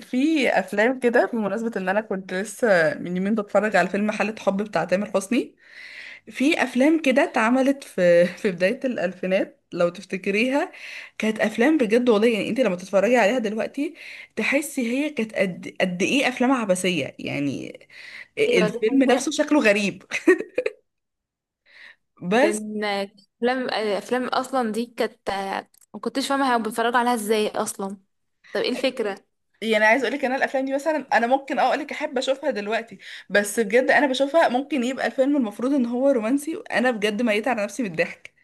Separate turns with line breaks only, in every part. في افلام كده بمناسبه ان انا كنت لسه من يومين بتفرج على فيلم حالة حب بتاع تامر حسني. في افلام كده اتعملت في في بدايه الالفينات لو تفتكريها. كانت افلام بجد والله، يعني انت لما تتفرجي عليها دلوقتي تحسي هي كانت قد قد ايه افلام عبثيه يعني.
ايوه، دي
الفيلم
حقيقة.
نفسه شكله غريب. بس.
كان افلام اصلا دي كانت. ما كنتش فاهمه هما بيتفرجوا عليها ازاي اصلا. طب ايه الفكره؟
يعني عايز اقول لك، انا الافلام دي مثلا انا ممكن اقول لك احب اشوفها دلوقتي، بس بجد انا بشوفها ممكن يبقى الفيلم المفروض ان هو رومانسي وانا بجد ميت على نفسي من الضحك،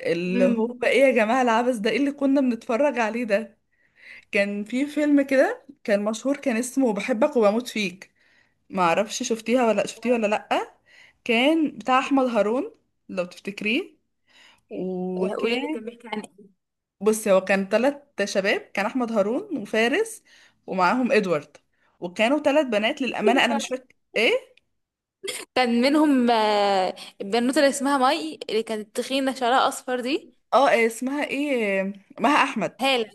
اللي
امم.
هو ايه يا جماعه العبث ده؟ ايه اللي كنا بنتفرج عليه ده؟ كان في فيلم كده كان مشهور، كان اسمه بحبك وبموت فيك. ما اعرفش شفتيها ولا شفتيه ولا لا. كان بتاع احمد هارون، لو تفتكريه.
قولي لي
وكان
كان بيحكي عن ايه؟
بص، هو كان ثلاث شباب، كان احمد هارون وفارس، ومعاهم ادوارد. وكانوا ثلاث بنات، للامانه انا مش فاكره ايه.
كان منهم البنوته اللي اسمها ماي اللي كانت تخينه شعرها اصفر دي.
اه، إيه اسمها؟ ايه، مها احمد.
هالة.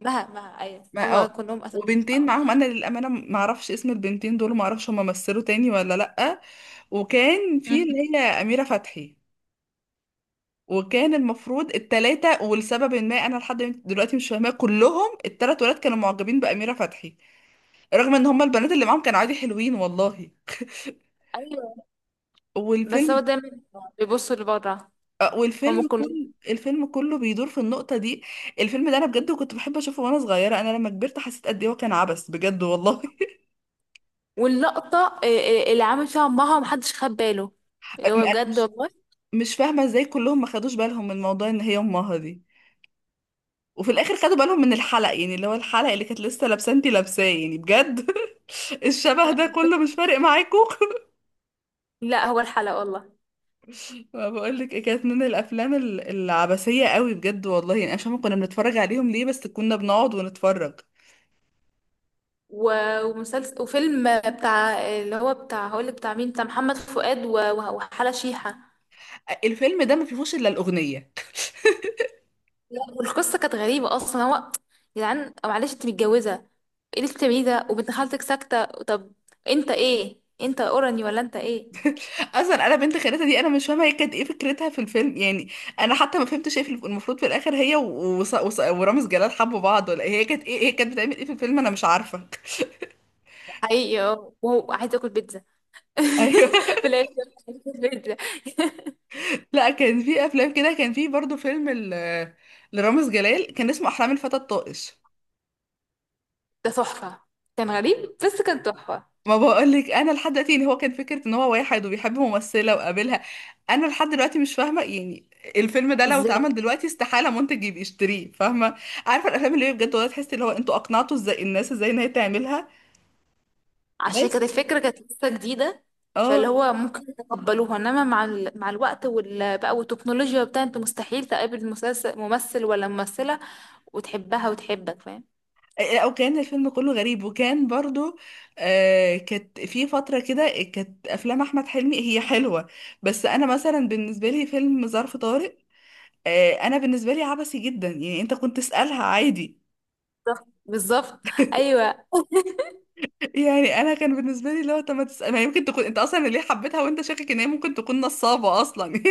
مها، مها، أيوة،
ما
هما
اه
كلهم أساميهم
وبنتين
بعض.
معاهم، انا للامانه ما اعرفش اسم البنتين دول، ما اعرفش هم مثلوا تاني ولا لا. وكان في
مم.
اللي هي اميره فتحي. وكان المفروض التلاتة، ولسبب ما انا لحد دلوقتي مش فاهماه، كلهم التلات ولاد كانوا معجبين باميره فتحي، رغم ان هم البنات اللي معاهم كانوا عادي حلوين والله.
أيوة. بس
والفيلم
هو دايما بيبصوا لبره.
والفيلم
هما كلهم.
كل الفيلم كله بيدور في النقطة دي. الفيلم ده انا بجد كنت بحب اشوفه وانا صغيرة، انا لما كبرت حسيت قد ايه هو كان عبث بجد والله.
واللقطة إيه، اللي عامل فيها أمها ومحدش خد باله، اللي هو
انا
بجد
مش
والله.
مش فاهمة ازاي كلهم ما خدوش بالهم من موضوع ان هي امها دي، وفي الاخر خدوا بالهم من الحلق، يعني اللي هو الحلق اللي كانت لسه لابسه انتي لابساه يعني بجد. الشبه ده كله مش فارق معاكم؟
لا، هو الحلقة والله.
ما بقول لك ايه، كانت من الافلام العبثيه قوي بجد والله، يعني انا مش فاهمه كنا بنتفرج عليهم ليه، بس كنا بنقعد ونتفرج.
ومسلسل وفيلم بتاع اللي هو بتاع هقولك بتاع مين بتاع محمد فؤاد وحلا شيحة.
الفيلم ده ما فيهوش الا الاغنيه.
لا، والقصة كانت غريبة أصلا. هو، يا جدعان، معلش أنت متجوزة، ايه اللي بتعمليه ده وبنت خالتك ساكتة؟ طب أنت إيه؟ أنت أوراني ولا أنت إيه؟
اصلا انا بنت خالتها دي انا مش فاهمه هي كانت ايه فكرتها في الفيلم يعني. انا حتى ما فهمتش ايه المفروض في الاخر هي ورامز جلال حبوا بعض ولا إيه؟ هي كانت بتعمل ايه في الفيلم؟ انا مش عارفه.
حقيقي. اه، وهو عايز اكل بيتزا
ايوه.
في الاخر. عايز آكل بيتزا.
لا كان في افلام كده، كان في برضو فيلم لرامز جلال كان اسمه احلام الفتى الطائش.
ده تحفه. كان غريب بس كان تحفه.
ما بقولك انا لحد دلوقتي، اللي هو كان فكره ان هو واحد وبيحب ممثله وقابلها، انا لحد دلوقتي مش فاهمه يعني. الفيلم ده لو
ازاي؟
اتعمل دلوقتي استحاله منتج يبقى يشتريه، فاهمه؟ عارفه الافلام اللي هي بجد والله تحسي اللي هو انتوا اقنعتوا ازاي الناس ازاي ان هي تعملها.
عشان
بس
كانت الفكره كانت لسه جديده. فاللي
اه.
هو ممكن يتقبلوها، انما مع مع الوقت بقى والتكنولوجيا بتاع، انت مستحيل تقابل مسلسل ممثل ولا ممثله وتحبها وتحبك، فاهم؟
او كان الفيلم كله غريب، وكان برضو، آه، كانت في فتره كده كانت افلام احمد حلمي هي حلوه. بس انا مثلا بالنسبه لي فيلم ظرف طارق، انا بالنسبه لي عبثي جدا، يعني انت كنت تسالها عادي؟
بالظبط، بالظبط. ايوه.
يعني انا كان بالنسبه لي اللي هو طب ما تسال، ما يمكن تكون انت اصلا ليه حبيتها وانت شاكك ان هي ممكن تكون نصابه اصلا.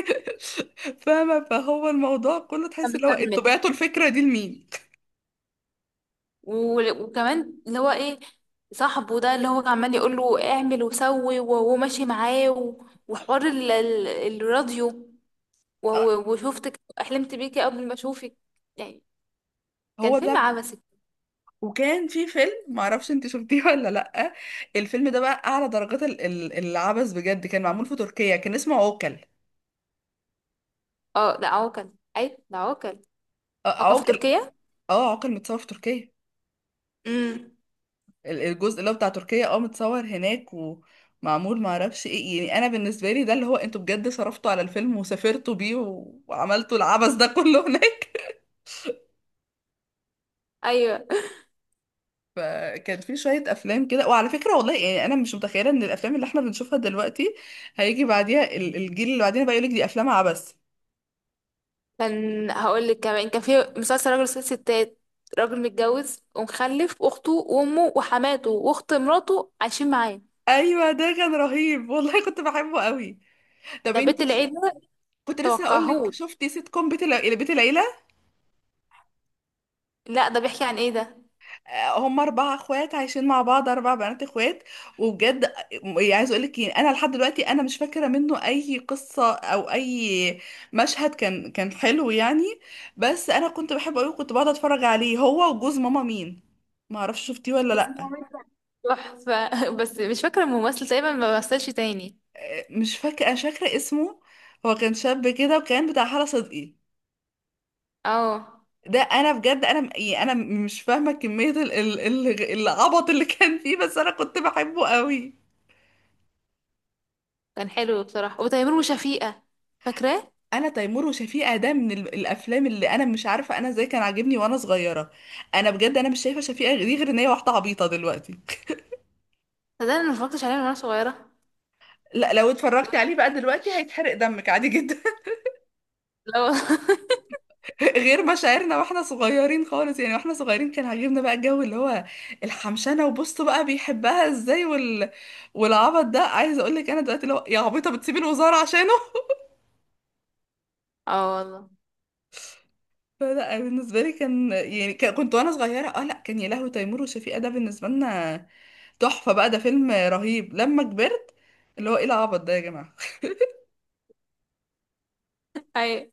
فاهمه، فهو الموضوع كله تحس اللي هو انتوا
مكمل.
بعتوا الفكره دي لمين.
وكمان اللي هو ايه، صاحبه ده اللي هو كان عمال يقول له اعمل وسوي وهو ماشي معاه، وحوار الراديو.
آه،
وشفتك احلمت بيكي قبل ما اشوفك، يعني. كان
هو
فيلم
ده.
عبثي.
وكان في فيلم ما اعرفش انت شفتيه ولا لا، الفيلم ده بقى اعلى درجات العبث بجد، كان معمول في تركيا، كان اسمه عوكل.
اه، ده عوكل. اي ده عوكل.
آه،
او كان في
عوكل.
تركيا.
اه، عوكل متصور في تركيا.
امم.
الجزء اللي هو بتاع تركيا، متصور هناك ومعمول ما اعرفش ايه، يعني انا بالنسبه لي ده اللي هو انتوا بجد صرفتوا على الفيلم وسافرتوا بيه و- وعملتوا العبث ده كله هناك.
ايوه.
فكان في شويه افلام كده، وعلى فكره والله يعني انا مش متخيله ان الافلام اللي احنا بنشوفها دلوقتي هيجي بعديها الجيل اللي بعدين بقى يقولك دي افلام عبث.
كان هقول لك كمان كان في مسلسل راجل وست ستات، راجل متجوز ومخلف، واخته وامه وحماته واخت مراته عايشين معاه.
ايوه ده كان رهيب والله، كنت بحبه قوي. طب
ده بيت
انتي
العيله.
كنت لسه هقول لك،
توقعهوش.
شفتي سيت كوم بيت العيله؟
لا، ده بيحكي عن ايه ده؟
هم اربع اخوات عايشين مع بعض، اربع بنات اخوات، وبجد يعني عايز اقول لك إيه، انا لحد دلوقتي انا مش فاكره منه اي قصه او اي مشهد، كان حلو يعني. بس انا كنت بحبه قوي، كنت بقعد اتفرج عليه هو وجوز ماما مين، ما اعرفش شفتيه ولا
بص،
لا.
هو أنت تحفة بس مش فاكرة الممثل، تقريبا ما مثلش تاني.
مش فاكره اسمه. هو كان شاب كده وكان بتاع حلا صدقي.
اه.
ده انا بجد، انا انا مش فاهمه كميه العبط اللي كان فيه، بس انا كنت بحبه قوي.
كان حلو بصراحة. وتيمور وشفيقة، فاكراه؟
انا تيمور وشفيقة ده من الافلام اللي انا مش عارفه انا ازاي كان عاجبني وانا صغيره. انا بجد انا مش شايفه شفيقة دي غير ان هي واحده عبيطه دلوقتي.
ده انا ما اتفرجتش عليه من وانا صغيرة.
لا لو اتفرجت عليه بقى دلوقتي هيتحرق دمك عادي جدا.
لا والله
غير مشاعرنا واحنا صغيرين خالص، يعني واحنا صغيرين كان عاجبنا بقى الجو اللي هو الحمشانه وبصوا بقى بيحبها ازاي، والعبط ده، عايزه اقول لك انا دلوقتي لو يا عبيطه بتسيبي الوزاره عشانه.
اه والله.
فلا بالنسبه لي كان يعني، كنت وانا صغيره، لا كان، يا لهوي، تيمور وشفيقة ده بالنسبه لنا تحفه بقى ده فيلم رهيب، لما كبرت اللي هو ايه العبط ده يا جماعه.
ايوه.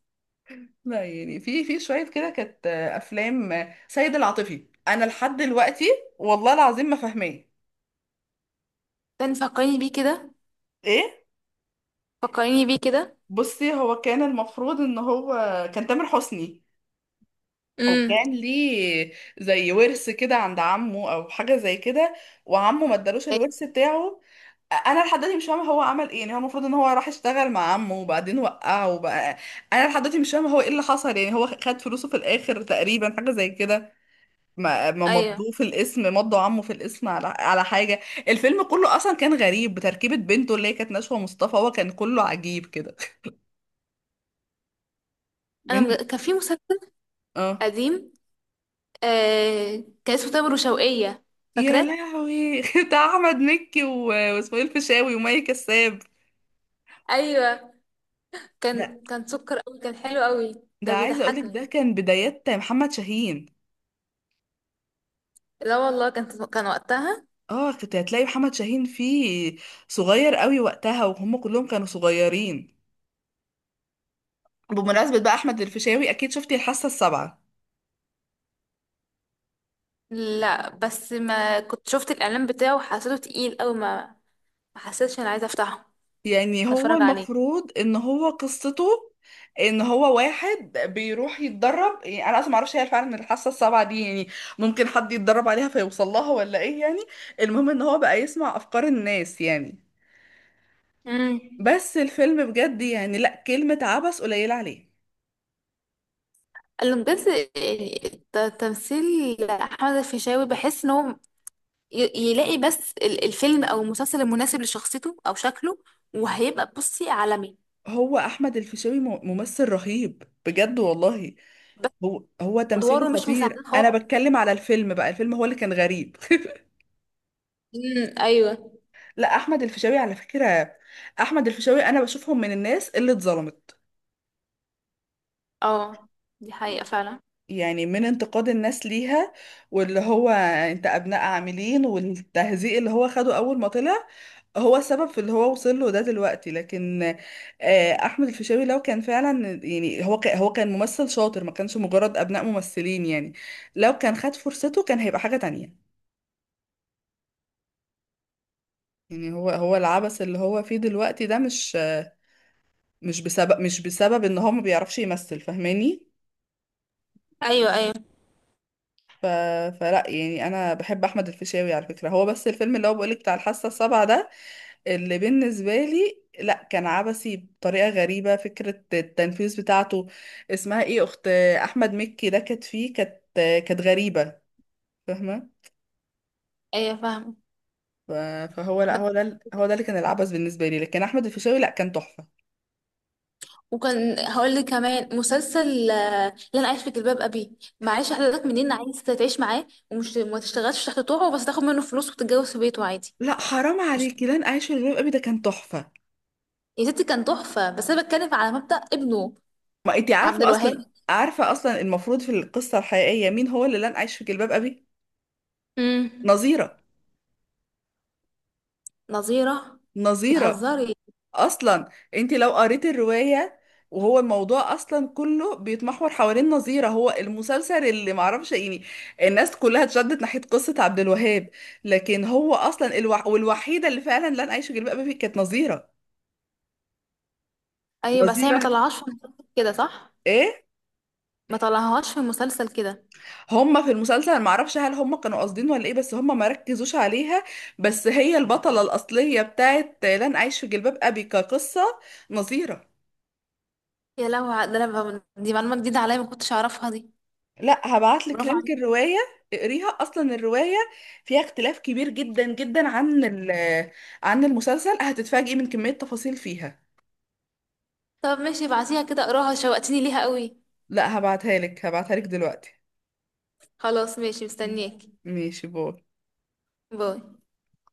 لا يعني في شويه كده كانت افلام. سيد العاطفي انا لحد دلوقتي والله العظيم ما فاهماه.
تاني فكريني بيه كده.
ايه؟
فكريني بيه كده.
بصي هو كان المفروض ان هو كان تامر حسني،
امم.
وكان ليه زي ورث كده عند عمه او حاجه زي كده، وعمه ما ادالوش الورث
ايوه.
بتاعه. انا لحد دلوقتي مش فاهمه هو عمل ايه، يعني هو المفروض ان هو راح اشتغل مع عمه وبعدين وقعه وبقى، انا لحد دلوقتي مش فاهمه هو ايه اللي حصل، يعني هو خد فلوسه في الاخر تقريبا حاجه زي كده. ما
أيوة.
مضوه في الاسم، مضوا عمه في الاسم على حاجه. الفيلم كله اصلا كان غريب بتركيبه، بنته اللي هي كانت نشوى مصطفى، هو كان كله عجيب كده. من
كان في مسلسل
اه،
قديم، كان اسمه تامر وشوقية،
يا
فاكراه؟
لهوي، بتاع احمد مكي و... واسماعيل فيشاوي ومي كساب.
ايوه.
ده
كان سكر قوي، كان حلو قوي.
ده
كان
عايزه اقولك
بيضحكني.
ده كان بدايات محمد شاهين.
لا والله، كان وقتها.
اه، كنت هتلاقي محمد شاهين فيه صغير قوي وقتها، وهم كلهم كانوا صغيرين. بمناسبة بقى أحمد الفيشاوي، أكيد شفتي الحاسة السابعة؟
لا، بس ما كنت شفت الاعلان بتاعه وحسيته تقيل قوي، ما حسيتش انا عايزه افتحه،
يعني هو
اتفرج عليه.
المفروض إن هو قصته، إن هو واحد بيروح يتدرب، يعني أنا أصلا معرفش هي فعلا الحاسة السابعة دي يعني ممكن حد يتدرب عليها فيوصل لها ولا إيه يعني؟ المهم إن هو بقى يسمع أفكار الناس يعني،
امم.
بس الفيلم بجد يعني لأ، كلمة عبث قليلة عليه.
قالوا بجد، يعني تمثيل احمد الفيشاوي، بحس ان هو يلاقي بس الفيلم او المسلسل المناسب لشخصيته او شكله، وهيبقى بصي عالمي.
هو أحمد الفيشاوي ممثل رهيب بجد والله.
بس
هو تمثيله
ادواره مش مساعده
خطير، انا
خالص.
بتكلم على الفيلم بقى، الفيلم هو اللي كان غريب.
امم، ايوه.
لا احمد الفيشاوي، على فكرة احمد الفيشاوي انا بشوفهم من الناس اللي اتظلمت،
اه، دي حقيقه فعلا.
يعني من انتقاد الناس ليها، واللي هو انت ابناء عاملين والتهزيء اللي هو خده اول ما طلع هو السبب في اللي هو وصل له ده دلوقتي، لكن آه، احمد الفيشاوي لو كان فعلا يعني، هو كان ممثل شاطر ما كانش مجرد ابناء ممثلين يعني، لو كان خد فرصته كان هيبقى حاجة تانية. يعني هو العبث اللي هو فيه دلوقتي ده مش بسبب ان هو ما بيعرفش يمثل، فاهماني؟
ايوه، ايوه.
ف... فلا يعني انا بحب احمد الفيشاوي على فكره هو، بس الفيلم اللي هو بقولك بتاع الحاسه السابعه ده اللي بالنسبه لي لا كان عبثي بطريقه غريبه، فكره التنفيذ بتاعته، اسمها ايه، اخت احمد مكي ده كانت فيه، كانت غريبه، فاهمه؟
ايوه فاهمه.
ف... فهو لا، هو ده اللي كان العبث بالنسبه لي، لكن احمد الفيشاوي لا كان تحفه.
وكان هقول لك كمان مسلسل، اللي انا عايش في جلباب ابي. معيش حضرتك منين عايز تعيش معاه ومش ما تشتغلش تحت طوعه، بس تاخد منه فلوس وتتجوز في بيته عادي؟
لا حرام
مش،
عليكي لن اعيش في جلباب ابي ده كان تحفه.
يا ستي كان تحفه، بس انا بتكلم على مبدأ ابنه.
ما انت
عبد
عارفه
الوهاب.
اصلا، المفروض في القصه الحقيقيه مين هو اللي لن عايش في جلباب ابي؟
امم.
نظيره.
نظيره.
نظيره.
بتهزري؟
اصلا انت لو قريت الروايه، وهو الموضوع اصلا كله بيتمحور حوالين نظيره، هو المسلسل اللي معرفش يعني، الناس كلها اتشدت ناحيه قصه عبد الوهاب، لكن هو اصلا الوح... والوحيده اللي فعلا لن عايش في جلباب ابي كانت نظيره.
ايوه، بس هي ما
نظيره.
طلعهاش في مسلسل كده صح؟
ايه،
ما طلعهاش في مسلسل كده.
هما في المسلسل معرفش هل هما كانوا قاصدين ولا ايه، بس هما ما ركزوش عليها، بس هي البطلة الأصلية بتاعت لن أعيش في جلباب أبي كقصة، نظيرة.
يا لهوي، ده انا دي معلومه جديده عليا ما كنتش اعرفها دي.
لا هبعتلك
برافو
لينك
عليكي.
الرواية، اقريها أصلا الرواية فيها اختلاف كبير جدا جدا عن عن المسلسل، هتتفاجئي من كمية تفاصيل فيها.
طب ماشي، ابعتيها كده اقراها، شوقتيني ليها قوي.
لا هبعتها لك، هبعتها لك دلوقتي.
خلاص ماشي،
مم.
مستنياكي.
ماشي، باي.
باي.